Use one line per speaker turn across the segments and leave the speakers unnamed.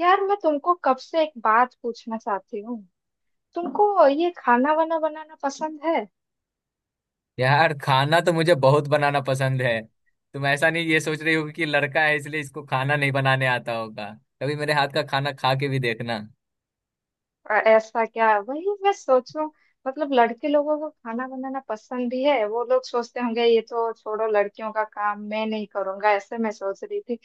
यार मैं तुमको कब से एक बात पूछना चाहती हूँ। तुमको ये खाना वाना बनाना पसंद है?
यार खाना तो मुझे बहुत बनाना पसंद है। तुम ऐसा नहीं ये सोच रही होगी कि लड़का है इसलिए इसको खाना नहीं बनाने आता होगा। कभी मेरे हाथ का खाना खा के भी देखना।
ऐसा क्या वही मैं सोचूं। मतलब लड़के लोगों को खाना बनाना पसंद भी है, वो लोग सोचते होंगे ये तो छोड़ो लड़कियों का काम मैं नहीं करूंगा, ऐसे मैं सोच रही थी।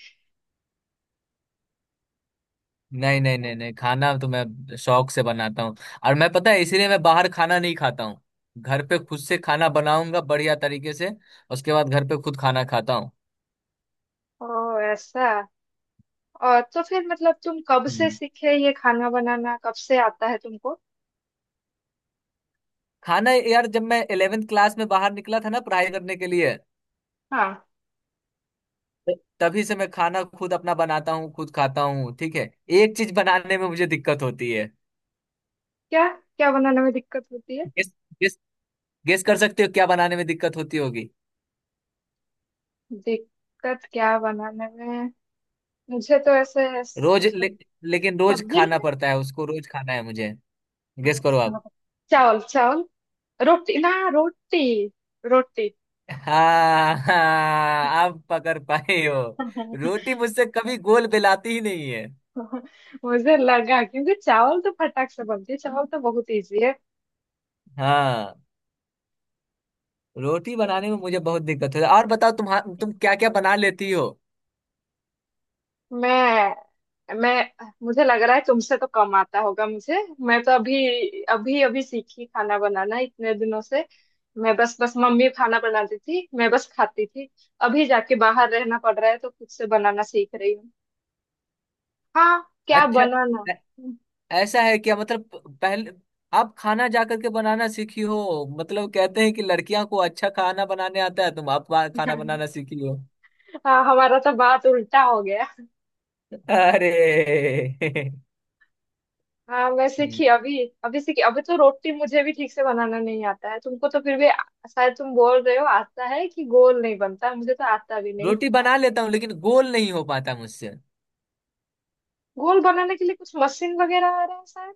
नहीं नहीं नहीं नहीं, खाना तो मैं शौक से बनाता हूँ। और मैं पता है इसलिए मैं बाहर खाना नहीं खाता हूँ। घर पे खुद से खाना बनाऊंगा बढ़िया तरीके से। उसके बाद घर पे खुद खाना खाता हूँ।
ओ ऐसा। और तो फिर मतलब तुम कब से
हम्म।
सीखे ये खाना बनाना, कब से आता है तुमको?
खाना यार, जब मैं 11वीं क्लास में बाहर निकला था ना पढ़ाई करने के लिए,
हाँ।
तो तभी से मैं खाना खुद अपना बनाता हूँ, खुद खाता हूँ। ठीक है। एक चीज बनाने में मुझे दिक्कत होती है।
क्या क्या बनाने में दिक्कत होती है?
गेस। गेस। गेस कर सकते हो क्या बनाने में दिक्कत होती होगी?
दिक्कत क्या बनाने में? मुझे तो ऐसे।
रोज ले,
सब्जी
लेकिन रोज
में
खाना
भी।
पड़ता है, उसको रोज खाना है मुझे। गेस
रोज
करो
खाना
आप।
पड़ता। चावल चावल। रोटी ना रोटी। रोटी।
हाँ, हाँ, आप पकड़ पाए हो। रोटी मुझसे कभी गोल बेलाती ही नहीं है।
मुझे लगा क्योंकि चावल तो फटाक से बनती है, चावल तो बहुत इजी है।
हाँ। रोटी बनाने में मुझे बहुत दिक्कत होती है। और बताओ, तुम क्या क्या बना लेती हो?
मैं, मुझे लग रहा है तुमसे तो कम आता होगा मुझे। मैं तो अभी अभी अभी सीखी खाना बनाना इतने दिनों से। मैं बस बस मम्मी खाना बनाती थी, मैं बस खाती थी। अभी जाके बाहर रहना पड़ रहा है तो खुद से बनाना सीख रही हूँ। हाँ, क्या
अच्छा।
बनाना।
ऐ- ऐसा है क्या, मतलब पहले आप खाना जा करके बनाना सीखी हो? मतलब कहते हैं कि लड़कियां को अच्छा खाना बनाने आता है, तुम आप खाना बनाना सीखी हो?
हाँ, हमारा तो बात उल्टा हो गया।
अरे!
हाँ, मैं
हम्म,
सीखी अभी। अभी सीखी। अभी तो रोटी मुझे भी ठीक से बनाना नहीं आता है, तुमको तो फिर भी शायद तुम बोल रहे हो आता है कि गोल नहीं बनता, मुझे तो आता भी नहीं।
रोटी बना लेता हूँ लेकिन गोल नहीं हो पाता मुझसे।
गोल बनाने के लिए कुछ मशीन वगैरह आ रहा है शायद।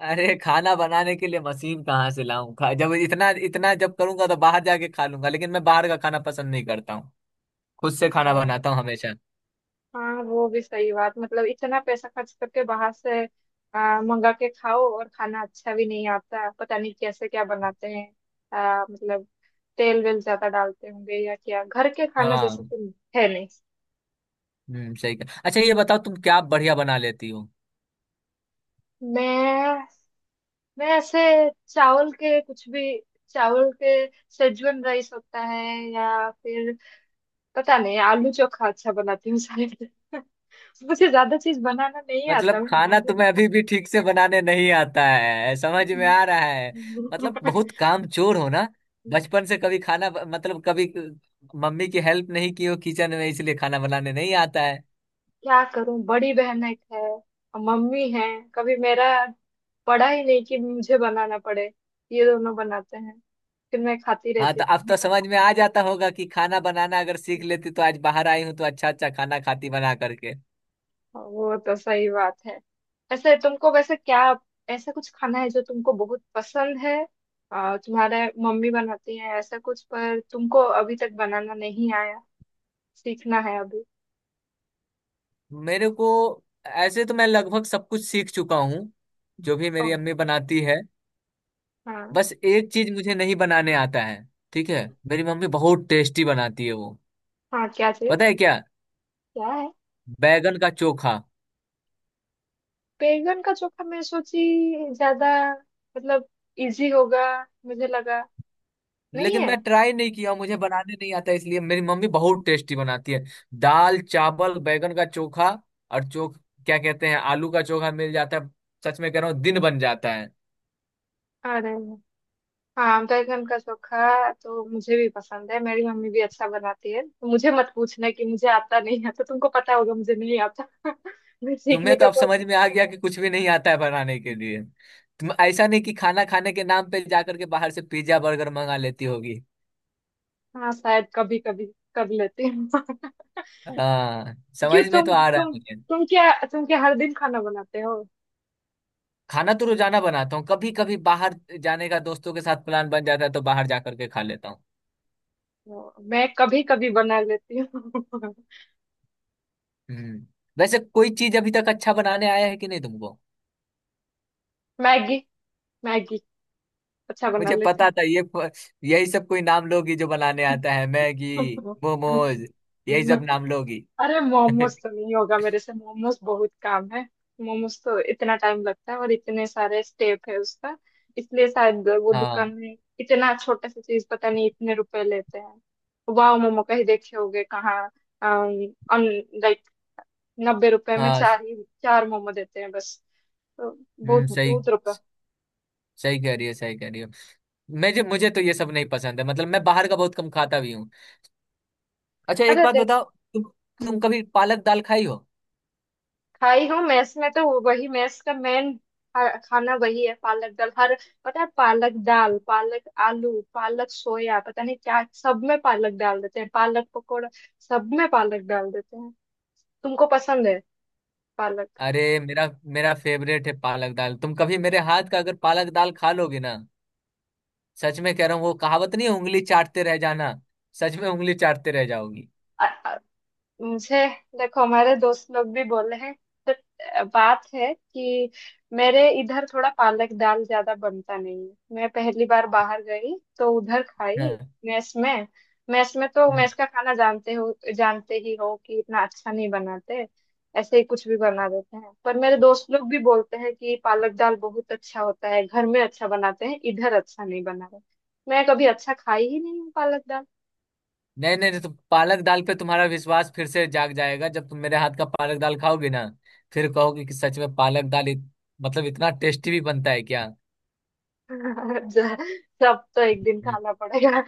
अरे, खाना बनाने के लिए मशीन कहाँ से लाऊं, खा जब इतना इतना जब करूंगा तो बाहर जाके खा लूंगा, लेकिन मैं बाहर का खाना पसंद नहीं करता हूँ। खुद से खाना
हाँ।
बनाता हूँ हमेशा।
हाँ, वो भी सही बात। मतलब इतना पैसा खर्च करके बाहर से मंगा के खाओ, और खाना अच्छा भी नहीं आता, पता नहीं कैसे क्या बनाते हैं। मतलब तेल वेल ज्यादा डालते होंगे या क्या, घर के खाना जैसे
हाँ।
तो है नहीं।
सही कहा। अच्छा ये बताओ, तुम क्या बढ़िया बना लेती हो?
मैं मैं ऐसे, चावल के कुछ भी। चावल के सेजवन राइस होता है। या फिर पता नहीं, आलू चोखा अच्छा बनाती हूँ शायद। मुझे ज्यादा चीज बनाना नहीं आता।
मतलब खाना तुम्हें अभी भी ठीक से बनाने नहीं आता है, समझ में आ रहा है। मतलब बहुत कामचोर हो ना। बचपन से कभी खाना, मतलब कभी मम्मी की हेल्प नहीं की हो किचन में, इसलिए खाना बनाने नहीं आता है।
क्या करूं, बड़ी बहन एक है और मम्मी है। कभी मेरा पड़ा ही नहीं कि मुझे बनाना पड़े। ये दोनों बनाते हैं, फिर मैं खाती
हाँ,
रहती
तो अब तो
थी।
समझ में आ जाता होगा कि खाना बनाना अगर सीख लेती तो आज बाहर आई हूँ तो अच्छा अच्छा खाना खाती बना करके।
वो तो सही बात है। ऐसे तुमको वैसे क्या, ऐसा कुछ खाना है जो तुमको बहुत पसंद है? तुम्हारे मम्मी बनाती है ऐसा कुछ, पर तुमको अभी तक बनाना नहीं आया, सीखना है अभी।
मेरे को ऐसे तो मैं लगभग सब कुछ सीख चुका हूँ, जो भी
ओ।
मेरी अम्मी बनाती है।
हाँ।
बस एक चीज मुझे नहीं बनाने आता है। ठीक है, मेरी मम्मी बहुत टेस्टी बनाती है वो।
हाँ, क्या
पता
चीज?
है क्या?
क्या है?
बैगन का चोखा।
बैगन का चोखा मैं सोची ज्यादा, मतलब इजी होगा, मुझे लगा नहीं
लेकिन
है।
मैं ट्राई नहीं किया, मुझे बनाने नहीं आता, इसलिए मेरी मम्मी बहुत टेस्टी बनाती है। दाल, चावल, बैगन का चोखा, और चोख क्या कहते हैं, आलू का चोखा मिल जाता है। सच में कह रहा हूँ, दिन बन जाता है।
अरे हाँ, बैगन का चोखा तो मुझे भी पसंद है, मेरी मम्मी भी अच्छा बनाती है। तो मुझे मत पूछना कि मुझे आता नहीं आता, तुमको पता होगा मुझे नहीं आता। मैं
तो
सीखने
मैं, तो
का
अब
बहुत।
समझ में आ गया कि कुछ भी नहीं आता है बनाने के लिए। तुम ऐसा नहीं कि खाना खाने के नाम पे जाकर के बाहर से पिज्जा बर्गर मंगा लेती होगी?
हाँ, शायद कभी कभी कर लेती हूँ।
हाँ,
क्यों,
समझ में
तुम
तो आ रहा है
तुम
मुझे।
तुम क्या तुम क्या हर दिन खाना बनाते हो?
खाना तो रोजाना बनाता हूँ, कभी कभी बाहर जाने का दोस्तों के साथ प्लान बन जाता है तो बाहर जाकर के खा लेता हूँ।
तो मैं कभी कभी बना लेती हूँ।
हम्म वैसे कोई चीज अभी तक अच्छा बनाने आया है कि नहीं तुमको?
मैगी। मैगी अच्छा बना
मुझे
लेती
पता था, ये यही सब कोई नाम लोगी जो बनाने आता है, मैगी,
हूँ।
मोमोज, यही सब नाम लोगी।
अरे, मोमोज तो नहीं होगा मेरे से, मोमोज बहुत काम है। मोमोज तो इतना टाइम लगता है और इतने सारे स्टेप है उसका। इसलिए शायद वो
हाँ,
दुकान में इतना छोटा सा चीज पता नहीं इतने रुपए लेते हैं। वाह, मोमो का ही देखे होगे कहाँ। लाइक, 90 रुपए में
हाँ।
चार ही, चार मोमो देते हैं बस। तो बहुत
सही,
बहुत रुपए।
सही कह रही हो, सही कह रही हो। मुझे मुझे तो ये सब नहीं पसंद है, मतलब मैं बाहर का बहुत कम खाता भी हूँ। अच्छा एक
अरे
बात
देख।
बताओ, तुम तुम
हम्म।
कभी पालक दाल खाई हो?
खाई हूँ मेस में तो। वही मेस का मेन खाना वही है, पालक दाल हर। पता है, पालक दाल, पालक आलू, पालक सोया, पता नहीं क्या सब में पालक डाल देते हैं, पालक पकौड़ा, सब में पालक डाल देते हैं। तुमको पसंद है पालक?
अरे, मेरा मेरा फेवरेट है पालक दाल। तुम कभी मेरे हाथ का अगर पालक दाल खा लोगे ना, सच में कह रहा हूँ, वो कहावत नहीं है, उंगली चाटते रह जाना, सच में उंगली चाटते रह जाओगी।
मुझे, देखो हमारे दोस्त लोग भी बोले हैं, तो बात है कि मेरे इधर थोड़ा पालक दाल ज्यादा बनता नहीं है। मैं पहली बार बाहर गई तो उधर खाई,
हाँ।
मेस में। मेस में तो
हम्म।
मेस का खाना जानते हो, जानते ही हो कि इतना अच्छा नहीं बनाते। ऐसे ही कुछ भी बना देते हैं, पर मेरे दोस्त लोग भी बोलते हैं कि पालक दाल बहुत अच्छा होता है, घर में अच्छा बनाते हैं, इधर अच्छा नहीं बना रहे। मैं कभी अच्छा खाई ही नहीं हूँ पालक दाल।
नहीं नहीं नहीं, तो पालक दाल पे तुम्हारा विश्वास फिर से जाग जाएगा जब तुम मेरे हाथ का पालक दाल खाओगे ना। फिर कहोगे कि सच में पालक दाल मतलब इतना टेस्टी भी बनता है क्या?
जा- सब तो एक दिन
हम्म।
खाना पड़ेगा।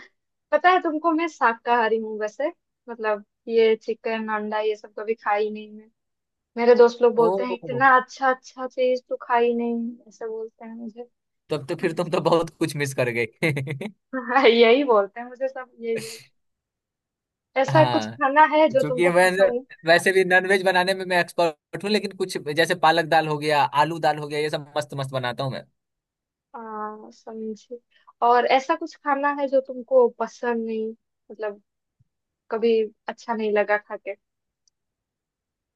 पता है तुमको, मैं शाकाहारी हूँ वैसे। मतलब ये चिकन अंडा ये सब कभी खाई नहीं मैं। मेरे दोस्त लोग बोलते हैं
ओह,
इतना अच्छा अच्छा चीज तो खाई नहीं, ऐसे बोलते हैं मुझे।
तब तो फिर तुम तो बहुत कुछ मिस कर गए।
हाँ, यही बोलते हैं मुझे सब, यही बोलते हैं। ऐसा कुछ
हाँ,
खाना है जो
क्योंकि
तुमको
मैं
पसंद?
वैसे भी नॉनवेज बनाने में मैं एक्सपर्ट हूँ, लेकिन कुछ जैसे पालक दाल हो गया, आलू दाल हो गया, ये सब मस्त मस्त बनाता हूँ मैं।
समझे। और ऐसा कुछ खाना है जो तुमको पसंद नहीं, मतलब कभी अच्छा नहीं लगा खा के?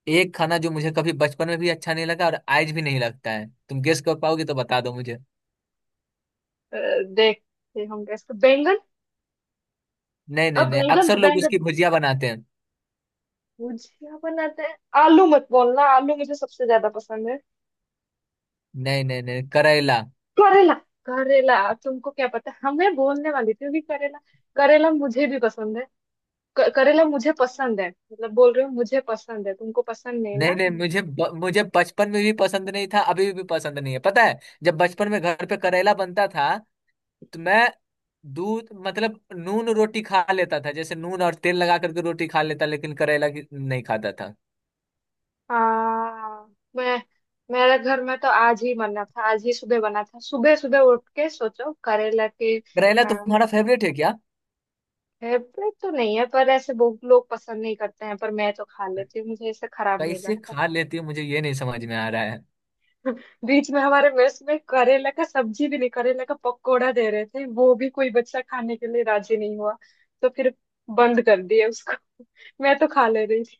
एक खाना जो मुझे कभी बचपन में भी अच्छा नहीं लगा और आज भी नहीं लगता है, तुम गेस कर पाओगे तो बता दो मुझे।
अ, देखते होंगे इसको, बैंगन?
नहीं नहीं
अब
नहीं,
बैंगन तो
अक्सर लोग उसकी
बैंगन
भुजिया बनाते हैं।
भुजिया बनाते हैं। आलू मत बोलना, आलू मुझे सबसे ज्यादा पसंद है।
नहीं नहीं नहीं, करेला।
करेला। करेला। तुमको क्या पता, हमें बोलने वाली थी भी करेला। करेला मुझे भी पसंद है। करेला मुझे पसंद है, मतलब बोल रही हूँ मुझे पसंद है, तुमको पसंद नहीं
नहीं
ना।
नहीं, मुझे मुझे बचपन में भी पसंद नहीं था, अभी भी पसंद नहीं है। पता है, जब बचपन में घर पे करेला बनता था तो मैं दूध, मतलब नून रोटी खा लेता था, जैसे नून और तेल लगा करके रोटी खा लेता, लेकिन करेला की नहीं खाता था।
हाँ। मैं, मेरे घर में तो आज ही बना था, आज ही सुबह बना था, सुबह सुबह उठ के सोचो करेला के।
करेला
हाँ,
तुम्हारा फेवरेट है क्या?
फेवरेट तो नहीं है, पर ऐसे बहुत लोग पसंद नहीं करते हैं पर मैं तो खा लेती हूँ, मुझे ऐसे खराब नहीं
कैसे
लगता।
खा लेती हो, मुझे ये नहीं समझ में आ रहा है।
बीच में हमारे मेस में करेला का सब्जी भी नहीं, करेला का पकोड़ा दे रहे थे, वो भी कोई बच्चा खाने के लिए राजी नहीं हुआ। तो फिर बंद कर दिया उसको। मैं तो खा ले रही थी।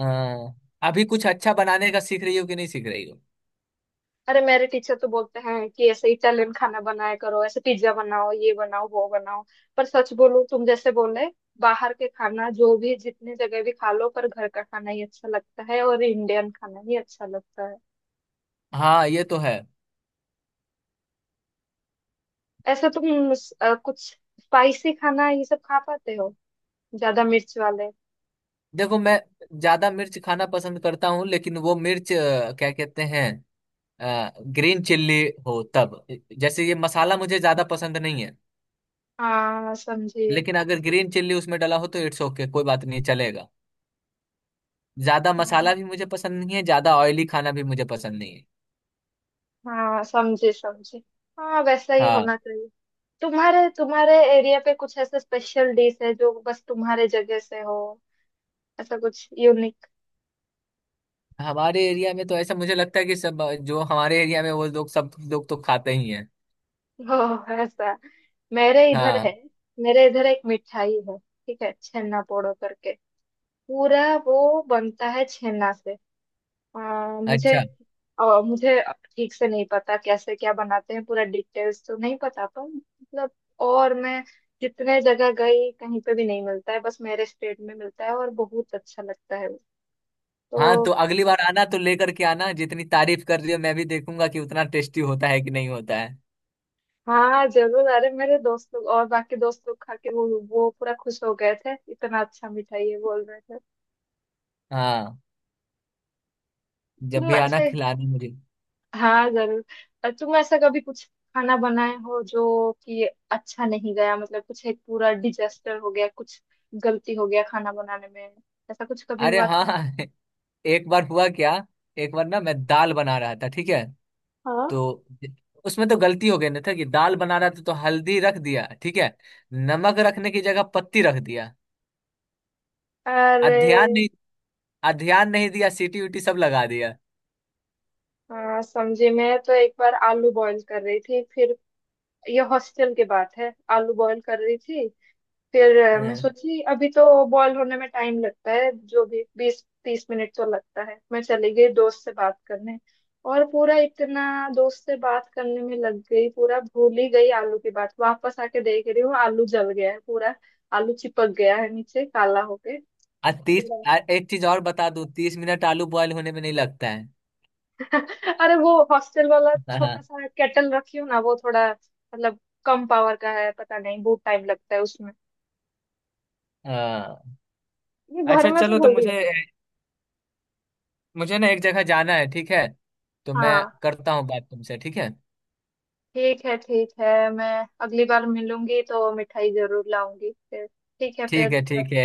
हाँ, अभी कुछ अच्छा बनाने का सीख रही हो कि नहीं सीख रही हो?
अरे मेरे टीचर तो बोलते हैं कि ऐसे इटालियन खाना बनाया करो, ऐसे पिज्जा बनाओ, ये बनाओ, वो बनाओ। पर सच बोलूं, तुम जैसे बोले, बाहर के खाना जो भी जितनी जगह भी खा लो, पर घर का खाना ही अच्छा लगता है, और इंडियन खाना ही अच्छा लगता है।
हाँ, ये तो है।
ऐसे तुम कुछ स्पाइसी खाना ये सब खा पाते हो, ज्यादा मिर्च वाले?
देखो, मैं ज्यादा मिर्च खाना पसंद करता हूँ, लेकिन वो मिर्च क्या कहते हैं, ग्रीन चिल्ली हो तब। जैसे ये मसाला मुझे ज्यादा पसंद नहीं है,
हाँ समझी।
लेकिन अगर ग्रीन चिल्ली उसमें डला हो तो इट्स ओके, कोई बात नहीं चलेगा। ज्यादा
हाँ।
मसाला भी मुझे पसंद नहीं है, ज्यादा ऑयली खाना भी मुझे पसंद नहीं है।
हाँ, समझी समझी। हाँ, वैसा ही
हाँ।
होना चाहिए। तुम्हारे तुम्हारे एरिया पे कुछ ऐसे स्पेशल डिश है जो बस तुम्हारे जगह से हो, ऐसा कुछ यूनिक
हमारे एरिया में तो ऐसा मुझे लगता है कि सब, जो हमारे एरिया में वो लोग, सब लोग तो खाते ही हैं।
हो ऐसा? मेरे इधर है।
हाँ।
मेरे इधर एक मिठाई है, ठीक है, छेना पोड़ो करके। पूरा वो बनता है छेना से। मुझे,
अच्छा।
मुझे ठीक से नहीं पता कैसे क्या बनाते हैं, पूरा डिटेल्स तो नहीं पता, पर मतलब, और मैं जितने जगह गई कहीं पे भी नहीं मिलता है, बस मेरे स्टेट में मिलता है, और बहुत अच्छा लगता है वो।
हाँ,
तो
तो अगली बार आना तो लेकर के आना, जितनी तारीफ कर रही हो, मैं भी देखूंगा कि उतना टेस्टी होता है कि नहीं होता है।
हाँ, जरूर। अरे मेरे दोस्त लोग और बाकी दोस्त लोग खा के वो पूरा खुश हो गए थे, इतना अच्छा मिठाई है बोल रहे थे।
हाँ,
तुम
जब भी आना
ऐसे,
खिलाना मुझे।
हाँ जरूर। तुम ऐसा कभी कुछ खाना बनाए हो जो कि अच्छा नहीं गया, मतलब कुछ एक पूरा डिजास्टर हो गया, कुछ गलती हो गया खाना बनाने में, ऐसा कुछ कभी
अरे
हुआ
हाँ!
था?
एक बार हुआ क्या, एक बार ना मैं दाल बना रहा था, ठीक है?
हाँ।
तो उसमें तो गलती हो गई ना, था कि दाल बना रहा था तो हल्दी रख दिया ठीक है, नमक रखने की जगह पत्ती रख दिया। और
अरे
ध्यान नहीं और ध्यान नहीं दिया, सीटी उटी सब लगा दिया।
हाँ, समझे। मैं तो एक बार आलू बॉईल कर रही थी, फिर, ये हॉस्टल की बात है, आलू बॉईल कर रही थी, फिर मैं
हाँ,
सोची अभी तो बॉयल होने में टाइम लगता है, जो भी 20-30 मिनट तो लगता है, मैं चली गई दोस्त से बात करने, और पूरा इतना दोस्त से बात करने में लग गई, पूरा भूल ही गई आलू की बात, वापस आके देख रही हूँ आलू जल गया है पूरा, आलू चिपक गया है नीचे काला होके
और तीस,
पूरा।
और एक चीज और बता दूं, 30 मिनट आलू बॉयल होने में नहीं लगता है।
अरे वो हॉस्टल वाला
हाँ,
छोटा सा केटल रखी हूँ ना, वो थोड़ा मतलब कम पावर का है पता नहीं, बहुत टाइम लगता है उसमें।
हाँ।
ये घर
अच्छा
में तो
चलो, तो
जल्दी है।
मुझे मुझे ना एक जगह जाना है, ठीक है। तो मैं
हाँ,
करता हूँ बात तुमसे, ठीक है?
ठीक है ठीक है। मैं अगली बार मिलूंगी तो मिठाई जरूर लाऊंगी फिर। ठीक है
ठीक
फिर।
है, ठीक है।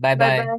Bye
bye
bye.
बाय।